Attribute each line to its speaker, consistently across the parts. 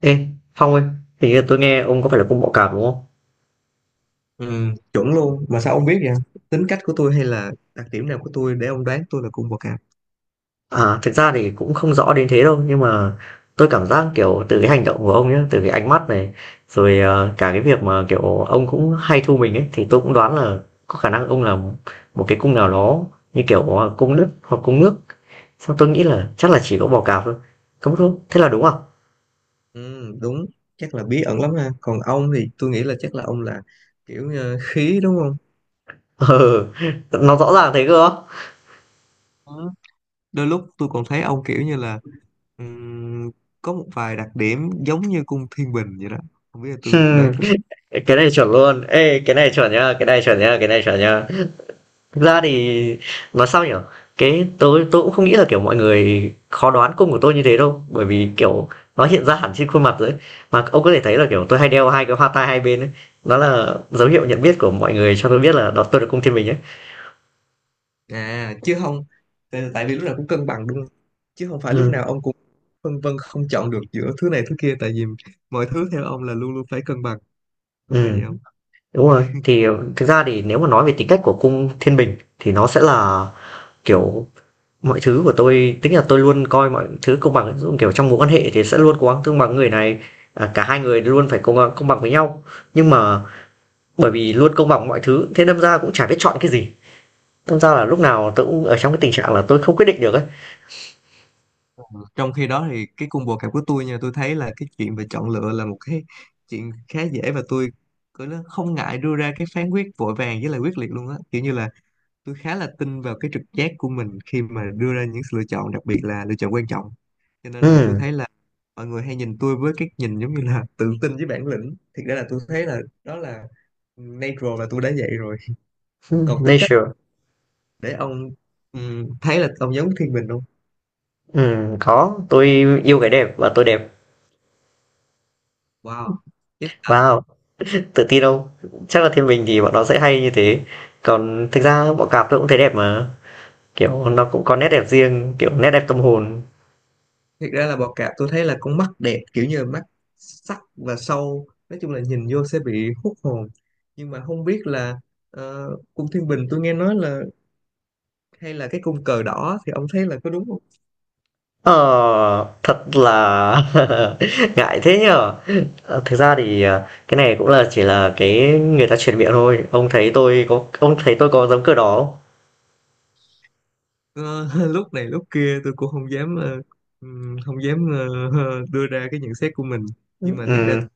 Speaker 1: Ê, Phong ơi, hình như tôi nghe ông có phải là cung bọ cạp đúng không?
Speaker 2: Ừ, chuẩn luôn mà sao ông biết vậy? Tính cách của tôi hay là đặc điểm nào của tôi để ông đoán tôi là cung bậc cảm?
Speaker 1: À, thực ra thì cũng không rõ đến thế đâu, nhưng mà tôi cảm giác kiểu từ cái hành động của ông nhé, từ cái ánh mắt này, rồi cả cái việc mà kiểu ông cũng hay thu mình ấy, thì tôi cũng đoán là có khả năng ông là một cái cung nào đó như kiểu cung đất hoặc cung nước. Xong tôi nghĩ là chắc là chỉ có bọ cạp thôi. Không đúng, thế là đúng không?
Speaker 2: Ừ, đúng, chắc là bí ẩn lắm ha. Còn ông thì tôi nghĩ là chắc là ông là kiểu khí, đúng không?
Speaker 1: Ừ, nó rõ ràng thế cơ.
Speaker 2: Ừ, đôi lúc tôi còn thấy ông kiểu như là ừm, có một vài đặc điểm giống như cung Thiên Bình vậy đó. Không biết là tôi đoán có.
Speaker 1: Cái này chuẩn luôn. Ê, cái này chuẩn nhá, cái này chuẩn nhá, cái này chuẩn nhá. Thực ra thì nói sao nhỉ? Cái tôi cũng không nghĩ là, kiểu, mọi người khó đoán cung của tôi như thế đâu, bởi vì, kiểu, nó hiện ra hẳn trên khuôn mặt rồi ấy. Mà ông có thể thấy là, kiểu, tôi hay đeo 2 cái hoa tai hai bên ấy, đó là dấu hiệu nhận biết của mọi người cho tôi biết là đó tôi là cung Thiên Bình ấy.
Speaker 2: À chứ không, tại vì lúc nào cũng cân bằng đúng không, chứ không phải lúc
Speaker 1: Ừ,
Speaker 2: nào ông cũng phân vân không chọn được giữa thứ này thứ kia, tại vì mọi thứ theo ông là luôn luôn phải cân bằng, có phải vậy
Speaker 1: ừm,
Speaker 2: không?
Speaker 1: đúng rồi. Thực ra thì nếu mà nói về tính cách của cung Thiên Bình thì nó sẽ là, kiểu, mọi thứ của tôi tính là tôi luôn coi mọi thứ công bằng ấy. Ví dụ, kiểu, trong mối quan hệ thì sẽ luôn cố gắng tương bằng người này, à, cả hai người luôn phải công công bằng với nhau. Nhưng mà bởi vì luôn công bằng mọi thứ thế đâm ra cũng chả biết chọn cái gì, đâm ra là lúc nào tôi cũng ở trong cái tình trạng là tôi không quyết định được ấy.
Speaker 2: Ờ, trong khi đó thì cái cung combo cạp của tôi nha, tôi thấy là cái chuyện về chọn lựa là một cái chuyện khá dễ, và tôi cứ nó không ngại đưa ra cái phán quyết vội vàng với lại quyết liệt luôn á. Kiểu như là tôi khá là tin vào cái trực giác của mình khi mà đưa ra những sự lựa chọn, đặc biệt là lựa chọn quan trọng. Cho nên là tôi
Speaker 1: Ừm,
Speaker 2: thấy là mọi người hay nhìn tôi với cái nhìn giống như là tự tin với bản lĩnh. Thiệt ra là tôi thấy là đó là natural, là tôi đã vậy rồi. Còn tính cách,
Speaker 1: nature.
Speaker 2: để ông thấy là ông giống Thiên Bình không?
Speaker 1: Có, tôi yêu cái đẹp và tôi đẹp.
Speaker 2: Wow.
Speaker 1: Wow, tự tin đâu, chắc là thiên bình thì bọn nó sẽ hay như thế. Còn thực ra bọn cạp tôi cũng thấy đẹp mà, kiểu nó cũng có nét đẹp riêng, kiểu nét đẹp tâm hồn.
Speaker 2: Thực ra là bọ cạp, tôi thấy là con mắt đẹp, kiểu như là mắt sắc và sâu, nói chung là nhìn vô sẽ bị hút hồn. Nhưng mà không biết là cung Thiên Bình tôi nghe nói là hay là cái cung cờ đỏ, thì ông thấy là có đúng không?
Speaker 1: Ờ, thật là ngại thế nhở? Thực ra thì, cái này cũng là chỉ là cái người ta truyền miệng thôi. Ông thấy tôi có giống kiểu đó không?
Speaker 2: Ờ, lúc này lúc kia tôi cũng không dám không dám đưa ra cái nhận xét của mình. Nhưng
Speaker 1: Ừ.
Speaker 2: mà thiệt ra,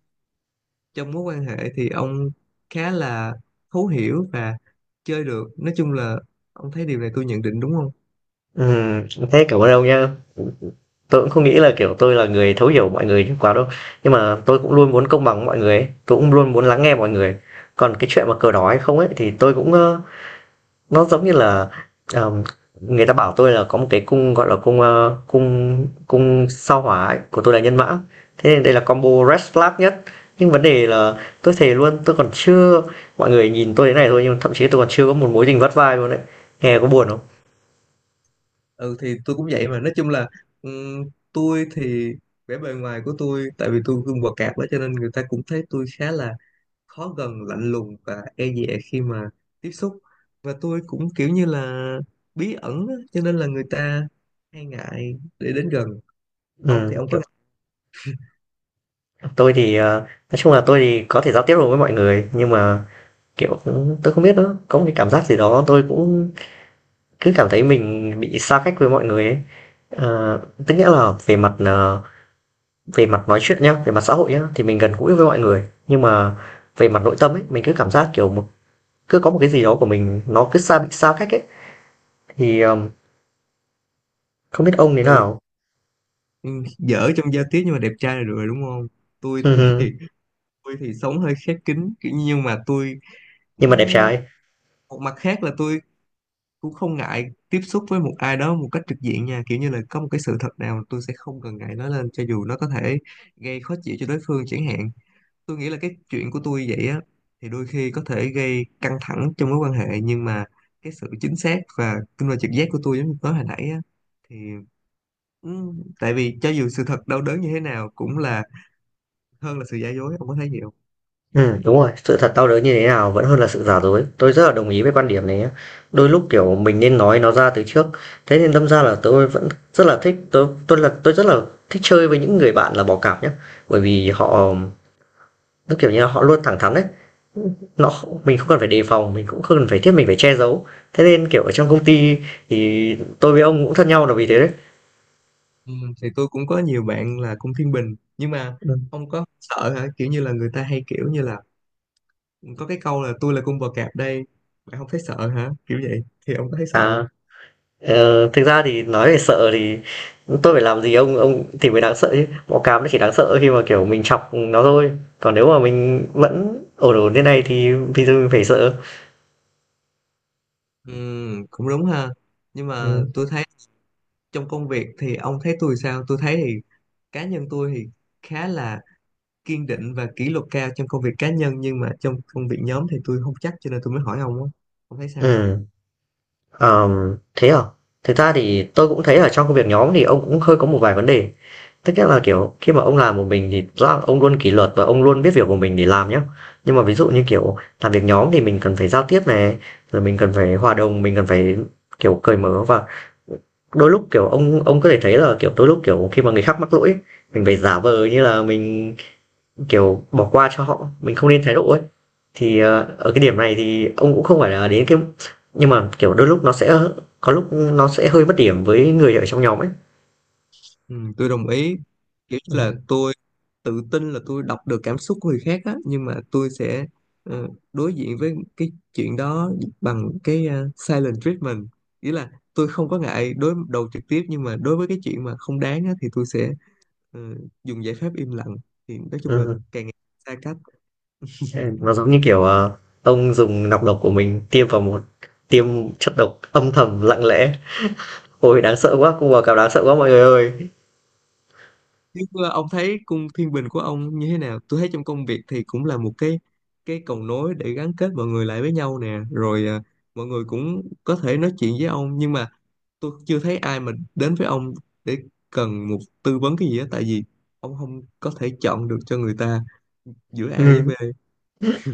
Speaker 2: trong mối quan hệ thì ông khá là thấu hiểu và chơi được, nói chung là ông thấy điều này tôi nhận định đúng không?
Speaker 1: Thế cảm ơn ông nhá. Tôi cũng không nghĩ là, kiểu, tôi là người thấu hiểu mọi người quá đâu. Nhưng mà tôi cũng luôn muốn công bằng với mọi người ấy, tôi cũng luôn muốn lắng nghe mọi người. Còn cái chuyện mà cờ đỏ hay không ấy, thì tôi cũng, nó giống như là, ờm, người ta bảo tôi là có một cái cung gọi là cung cung cung sao hỏa ấy, của tôi là nhân mã, thế nên đây là combo red flag nhất. Nhưng vấn đề là tôi thề luôn tôi còn chưa mọi người nhìn tôi thế này thôi nhưng thậm chí tôi còn chưa có một mối tình vắt vai luôn đấy. Nghe có buồn không?
Speaker 2: Ừ thì tôi cũng vậy mà, nói chung là ừm, tôi thì vẻ bề ngoài của tôi, tại vì tôi gương quạt cạp đó, cho nên người ta cũng thấy tôi khá là khó gần, lạnh lùng và e dè khi mà tiếp xúc. Và tôi cũng kiểu như là bí ẩn á, cho nên là người ta hay ngại để đến gần. Ông thì
Speaker 1: Ừ,
Speaker 2: ông có ngại?
Speaker 1: tôi thì nói chung là tôi thì có thể giao tiếp được với mọi người nhưng mà kiểu tôi không biết nữa, có một cái cảm giác gì đó tôi cũng cứ cảm thấy mình bị xa cách với mọi người ấy. Ờ, tức nghĩa là về mặt về mặt nói chuyện nhá, về mặt xã hội nhá, thì mình gần gũi với mọi người nhưng mà về mặt nội tâm ấy mình cứ cảm giác kiểu cứ có một cái gì đó của mình nó cứ bị xa cách ấy, thì không biết ông thế
Speaker 2: Ừ,
Speaker 1: nào.
Speaker 2: dở trong giao tiếp nhưng mà đẹp trai là được rồi đúng không? Tôi
Speaker 1: Ừ,
Speaker 2: thì
Speaker 1: ừ.
Speaker 2: tôi thì sống hơi khép kín kiểu nhưng mà tôi,
Speaker 1: Nhưng mà đẹp
Speaker 2: ừm,
Speaker 1: trai.
Speaker 2: một mặt khác là tôi cũng không ngại tiếp xúc với một ai đó một cách trực diện nha. Kiểu như là có một cái sự thật nào tôi sẽ không cần ngại nói lên, cho dù nó có thể gây khó chịu cho đối phương chẳng hạn. Tôi nghĩ là cái chuyện của tôi vậy á, thì đôi khi có thể gây căng thẳng trong mối quan hệ. Nhưng mà cái sự chính xác và kinh nghiệm trực giác của tôi giống như nói hồi nãy á thì ừ, tại vì cho dù sự thật đau đớn như thế nào cũng là hơn là sự giả dối, ông có thấy gì không?
Speaker 1: Ừ, đúng rồi, sự thật đau đớn như thế nào vẫn hơn là sự giả dối, tôi rất là đồng ý với quan điểm này nhá. Đôi lúc kiểu mình nên nói nó ra từ trước. Thế nên đâm ra là tôi vẫn rất là thích, tôi là tôi rất là thích chơi với những người bạn là bỏ cạp nhá. Bởi vì họ, tức kiểu như là họ luôn thẳng thắn đấy, nó mình không cần phải đề phòng, mình cũng không cần phải thiết mình phải che giấu. Thế nên kiểu ở trong công ty thì tôi với ông cũng thân nhau là vì thế đấy.
Speaker 2: Ừ, thì tôi cũng có nhiều bạn là cũng Thiên Bình. Nhưng mà
Speaker 1: Ừ.
Speaker 2: ông có sợ hả, kiểu như là người ta hay kiểu như là có cái câu là "tôi là cung bò cạp đây, bạn không thấy sợ hả" kiểu vậy, thì ông có thấy sợ không?
Speaker 1: À, thực ra thì nói về sợ thì tôi phải làm gì ông thì mới đáng sợ, chứ bọ cạp nó chỉ đáng sợ khi mà kiểu mình chọc nó thôi. Còn nếu mà mình vẫn ổn ổn thế này thì vì sao mình phải sợ?
Speaker 2: Ừ, cũng đúng ha. Nhưng mà
Speaker 1: Ừ.
Speaker 2: tôi thấy, trong công việc thì ông thấy tôi sao? Tôi thấy thì cá nhân tôi thì khá là kiên định và kỷ luật cao trong công việc cá nhân, nhưng mà trong công việc nhóm thì tôi không chắc, cho nên tôi mới hỏi ông á, ông thấy sao?
Speaker 1: ừ Thế à? Thực ra thì tôi cũng thấy ở trong công việc nhóm thì ông cũng hơi có một vài vấn đề. Tức nghĩa là, kiểu, khi mà ông làm một mình thì rõ là ông luôn kỷ luật và ông luôn biết việc của mình để làm nhá. Nhưng mà ví dụ như, kiểu, làm việc nhóm thì mình cần phải giao tiếp này, rồi mình cần phải hòa đồng, mình cần phải, kiểu, cởi mở, và đôi lúc, kiểu, ông có thể thấy là, kiểu, đôi lúc, kiểu, khi mà người khác mắc lỗi ấy, mình phải giả vờ như là mình, kiểu, bỏ qua cho họ, mình không nên thái độ ấy. Thì, ờ, ở cái điểm này thì ông cũng không phải là đến cái, nhưng mà, kiểu, đôi lúc nó sẽ có lúc nó sẽ hơi mất điểm với người ở trong nhóm ấy.
Speaker 2: Ừ, tôi đồng ý. Kiểu là
Speaker 1: Ừm.
Speaker 2: tôi tự tin là tôi đọc được cảm xúc của người khác á, nhưng mà tôi sẽ ờ, đối diện với cái chuyện đó bằng cái silent treatment, nghĩa là tôi không có ngại đối đầu trực tiếp, nhưng mà đối với cái chuyện mà không đáng á thì tôi sẽ ờ, dùng giải pháp im lặng. Thì nói chung là càng ngày xa cách.
Speaker 1: Ừ, nó giống như kiểu ông dùng nọc độc của mình tiêm vào một, tiêm chất độc âm thầm lặng lẽ. Ôi đáng sợ quá, cung bò cạp đáng sợ quá mọi người ơi.
Speaker 2: Chứ ông thấy cung Thiên Bình của ông như thế nào? Tôi thấy trong công việc thì cũng là một cái cầu nối để gắn kết mọi người lại với nhau nè, rồi mọi người cũng có thể nói chuyện với ông. Nhưng mà tôi chưa thấy ai mà đến với ông để cần một tư vấn cái gì á, tại vì ông không có thể chọn được cho người ta giữa A với
Speaker 1: Ừ,
Speaker 2: B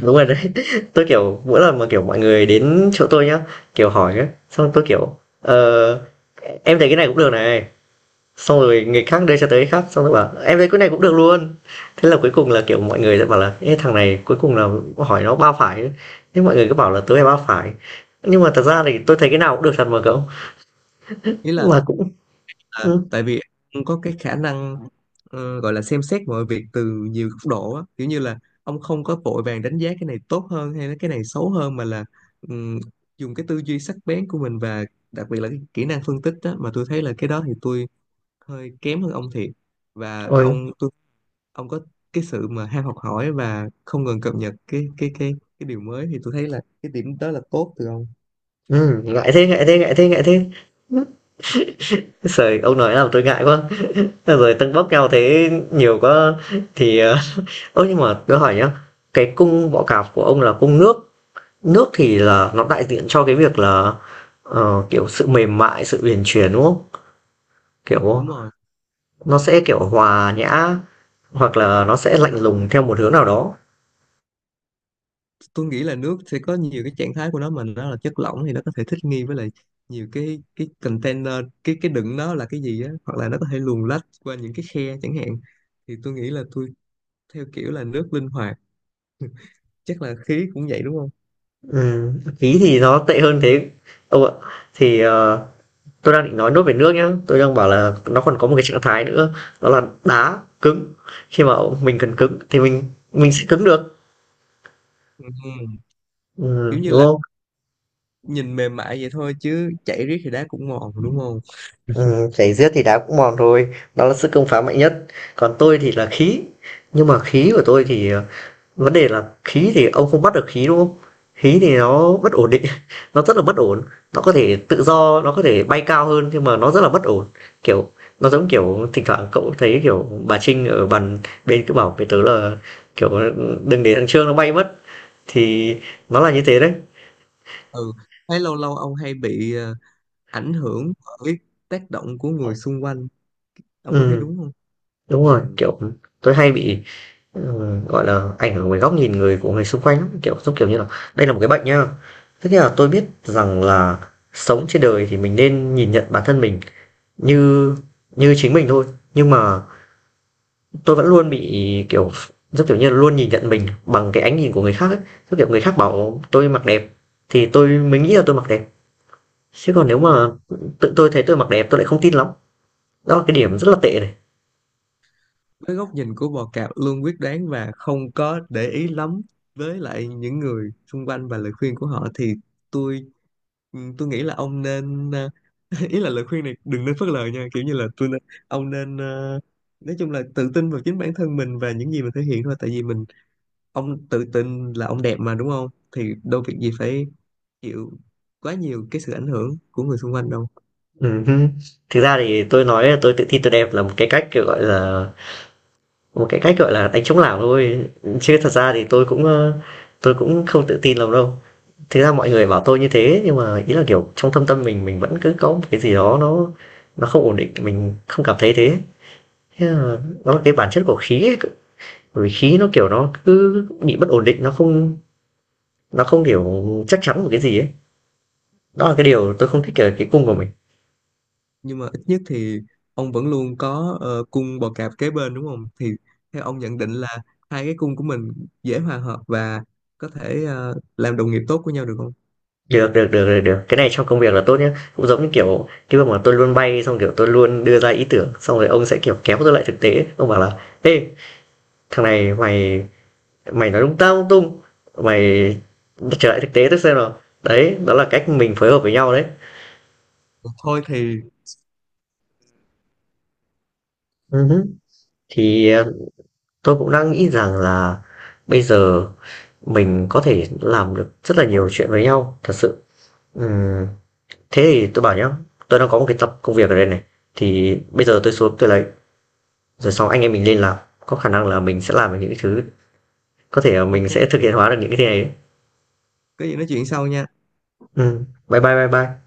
Speaker 1: đúng rồi đấy. Tôi kiểu mỗi lần mà kiểu mọi người đến chỗ tôi nhá, kiểu hỏi ấy, xong tôi kiểu em thấy cái này cũng được này. Xong rồi người khác đưa cho tới người khác xong rồi bảo em thấy cái này cũng được luôn. Thế là cuối cùng là kiểu mọi người sẽ bảo là "Ê, thằng này cuối cùng là hỏi nó ba phải ấy." Thế mọi người cứ bảo là tớ là ba phải. Nhưng mà thật ra thì tôi thấy cái nào cũng được thật mà cậu,
Speaker 2: Ý
Speaker 1: mà cũng
Speaker 2: là
Speaker 1: ừm,
Speaker 2: tại vì ông có cái khả năng gọi là xem xét mọi việc từ nhiều góc độ á, kiểu như là ông không có vội vàng đánh giá cái này tốt hơn hay là cái này xấu hơn, mà là ừm, dùng cái tư duy sắc bén của mình, và đặc biệt là cái kỹ năng phân tích đó. Mà tôi thấy là cái đó thì tôi hơi kém hơn ông thiệt. Và
Speaker 1: ôi,
Speaker 2: ông có cái sự mà ham học hỏi và không ngừng cập nhật cái cái điều mới, thì tôi thấy là cái điểm đó là tốt từ ông.
Speaker 1: ngại thế, ngại thế, ngại thế, ngại thế! Giời, ông nói làm tôi ngại quá. Thế rồi tâng bốc nhau thế nhiều quá thì, ờ, ơ, nhưng mà tôi hỏi nhá, cái cung
Speaker 2: Ừ,
Speaker 1: bọ cạp của ông là cung nước, nước thì là nó đại diện cho cái việc là, ờ, kiểu, sự mềm mại, sự uyển chuyển, đúng không? Kiểu,
Speaker 2: đúng rồi,
Speaker 1: nó sẽ, kiểu, hòa nhã, hoặc là nó sẽ lạnh lùng theo một hướng nào đó.
Speaker 2: tôi nghĩ là nước sẽ có nhiều cái trạng thái của nó, mà nó là chất lỏng thì nó có thể thích nghi với lại nhiều cái container, cái đựng nó là cái gì á, hoặc là nó có thể luồn lách qua những cái khe chẳng hạn. Thì tôi nghĩ là tôi theo kiểu là nước linh hoạt. Chắc là khí cũng vậy đúng không?
Speaker 1: Khí thì nó tệ hơn thế ông ạ. Thì, ờ, tôi đang định nói nốt về nước nhá, tôi đang bảo là nó còn có một cái trạng thái nữa, đó là đá cứng. Khi mà mình cần cứng thì mình sẽ cứng được.
Speaker 2: Ừ,
Speaker 1: Ừ,
Speaker 2: kiểu như
Speaker 1: đúng
Speaker 2: là
Speaker 1: không?
Speaker 2: nhìn mềm mại vậy thôi chứ chảy riết thì đá cũng mòn đúng không?
Speaker 1: Ừ, chảy giết thì đá cũng mòn thôi, đó là sức công phá mạnh nhất. Còn tôi thì là khí, nhưng mà khí của tôi thì vấn đề là khí thì ông không bắt được khí, đúng không? Khí thì nó bất ổn định, nó rất là bất ổn, nó có thể tự do, nó có thể bay cao hơn nhưng mà nó rất là bất ổn. Kiểu, nó giống kiểu thỉnh thoảng cậu thấy, kiểu, bà Trinh ở bàn bên cứ bảo với tớ là, kiểu, "Đừng để thằng Trương nó bay mất." Thì nó là như thế đấy.
Speaker 2: Ừ, thấy lâu lâu ông hay bị ảnh hưởng bởi tác động của người xung quanh, ông có thấy
Speaker 1: Ừm,
Speaker 2: đúng không?
Speaker 1: đúng rồi,
Speaker 2: Ừ.
Speaker 1: kiểu, tôi hay bị, gọi là, ảnh hưởng bởi góc nhìn người xung quanh lắm, kiểu, giống kiểu như là, đây là một cái bệnh nhá. Tức nghĩa là tôi biết rằng là sống trên đời thì mình nên nhìn nhận bản thân mình như như chính mình thôi, nhưng mà tôi vẫn luôn bị kiểu rất kiểu như là luôn nhìn nhận mình bằng cái ánh nhìn của người khác ấy. Rất kiểu người khác bảo tôi mặc đẹp thì tôi mới nghĩ là tôi mặc đẹp, chứ còn nếu
Speaker 2: Ừ.
Speaker 1: mà tự tôi thấy tôi mặc đẹp tôi lại không tin lắm. Đó là cái điểm rất là tệ này.
Speaker 2: Với góc nhìn của bò cạp luôn quyết đoán và không có để ý lắm với lại những người xung quanh và lời khuyên của họ, thì tôi ừ, tôi nghĩ là ông nên ý là lời khuyên này đừng nên phớt lờ nha. Kiểu như là tôi nên, ông nên nói chung là tự tin vào chính bản thân mình và những gì mình thể hiện thôi. Tại vì mình, ông tự tin là ông đẹp mà đúng không? Thì đâu việc gì phải chịu quá nhiều cái sự ảnh hưởng của người xung quanh đâu.
Speaker 1: Ừ. Thực ra thì tôi nói là tôi tự tin tôi đẹp là một cái cách kiểu gọi là một cái cách gọi là đánh chống lảng thôi, chứ thật ra thì tôi cũng tôi cũng không tự tin lắm đâu. Thế ra mọi người bảo tôi như thế nhưng mà ý là, kiểu, trong thâm tâm mình vẫn cứ có một cái gì đó nó không ổn định, mình không cảm thấy thế. Thế là nó là cái bản chất của khí ấy, bởi vì khí nó, kiểu, nó cứ bị bất ổn định, nó không, kiểu, chắc chắn một cái gì ấy. Đó là cái điều tôi không thích ở cái cung của mình.
Speaker 2: Nhưng mà ít nhất thì ông vẫn luôn có cung bò cạp kế bên đúng không? Thì theo ông nhận định là hai cái cung của mình dễ hòa hợp và có thể làm đồng nghiệp tốt của nhau được không?
Speaker 1: Được, được, được, được, được, cái này trong công việc là tốt nhé. Cũng giống như, kiểu, cái việc mà tôi luôn bay xong, kiểu, tôi luôn đưa ra ý tưởng, xong rồi ông sẽ, kiểu, kéo tôi lại thực tế, ông bảo là "Ê, thằng này mày mày nói lung ta lung tung, mày trở lại thực tế tôi xem nào." Đấy, đó là cách mình phối hợp với nhau đấy.
Speaker 2: Thôi thì
Speaker 1: Ừ hứ. Thì ờ, tôi cũng đang nghĩ rằng là bây giờ mình có thể làm được rất là nhiều chuyện với nhau thật sự. Ừm, thế thì tôi bảo nhá, tôi đang có một cái tập công việc ở đây này, thì bây giờ tôi xuống tôi lấy rồi sau anh em mình lên làm. Có khả năng là mình sẽ làm được những cái thứ, có thể là mình
Speaker 2: OK,
Speaker 1: sẽ thực hiện hóa được những cái thứ này đấy.
Speaker 2: có gì nói chuyện sau nha.
Speaker 1: Bye bye bye bye.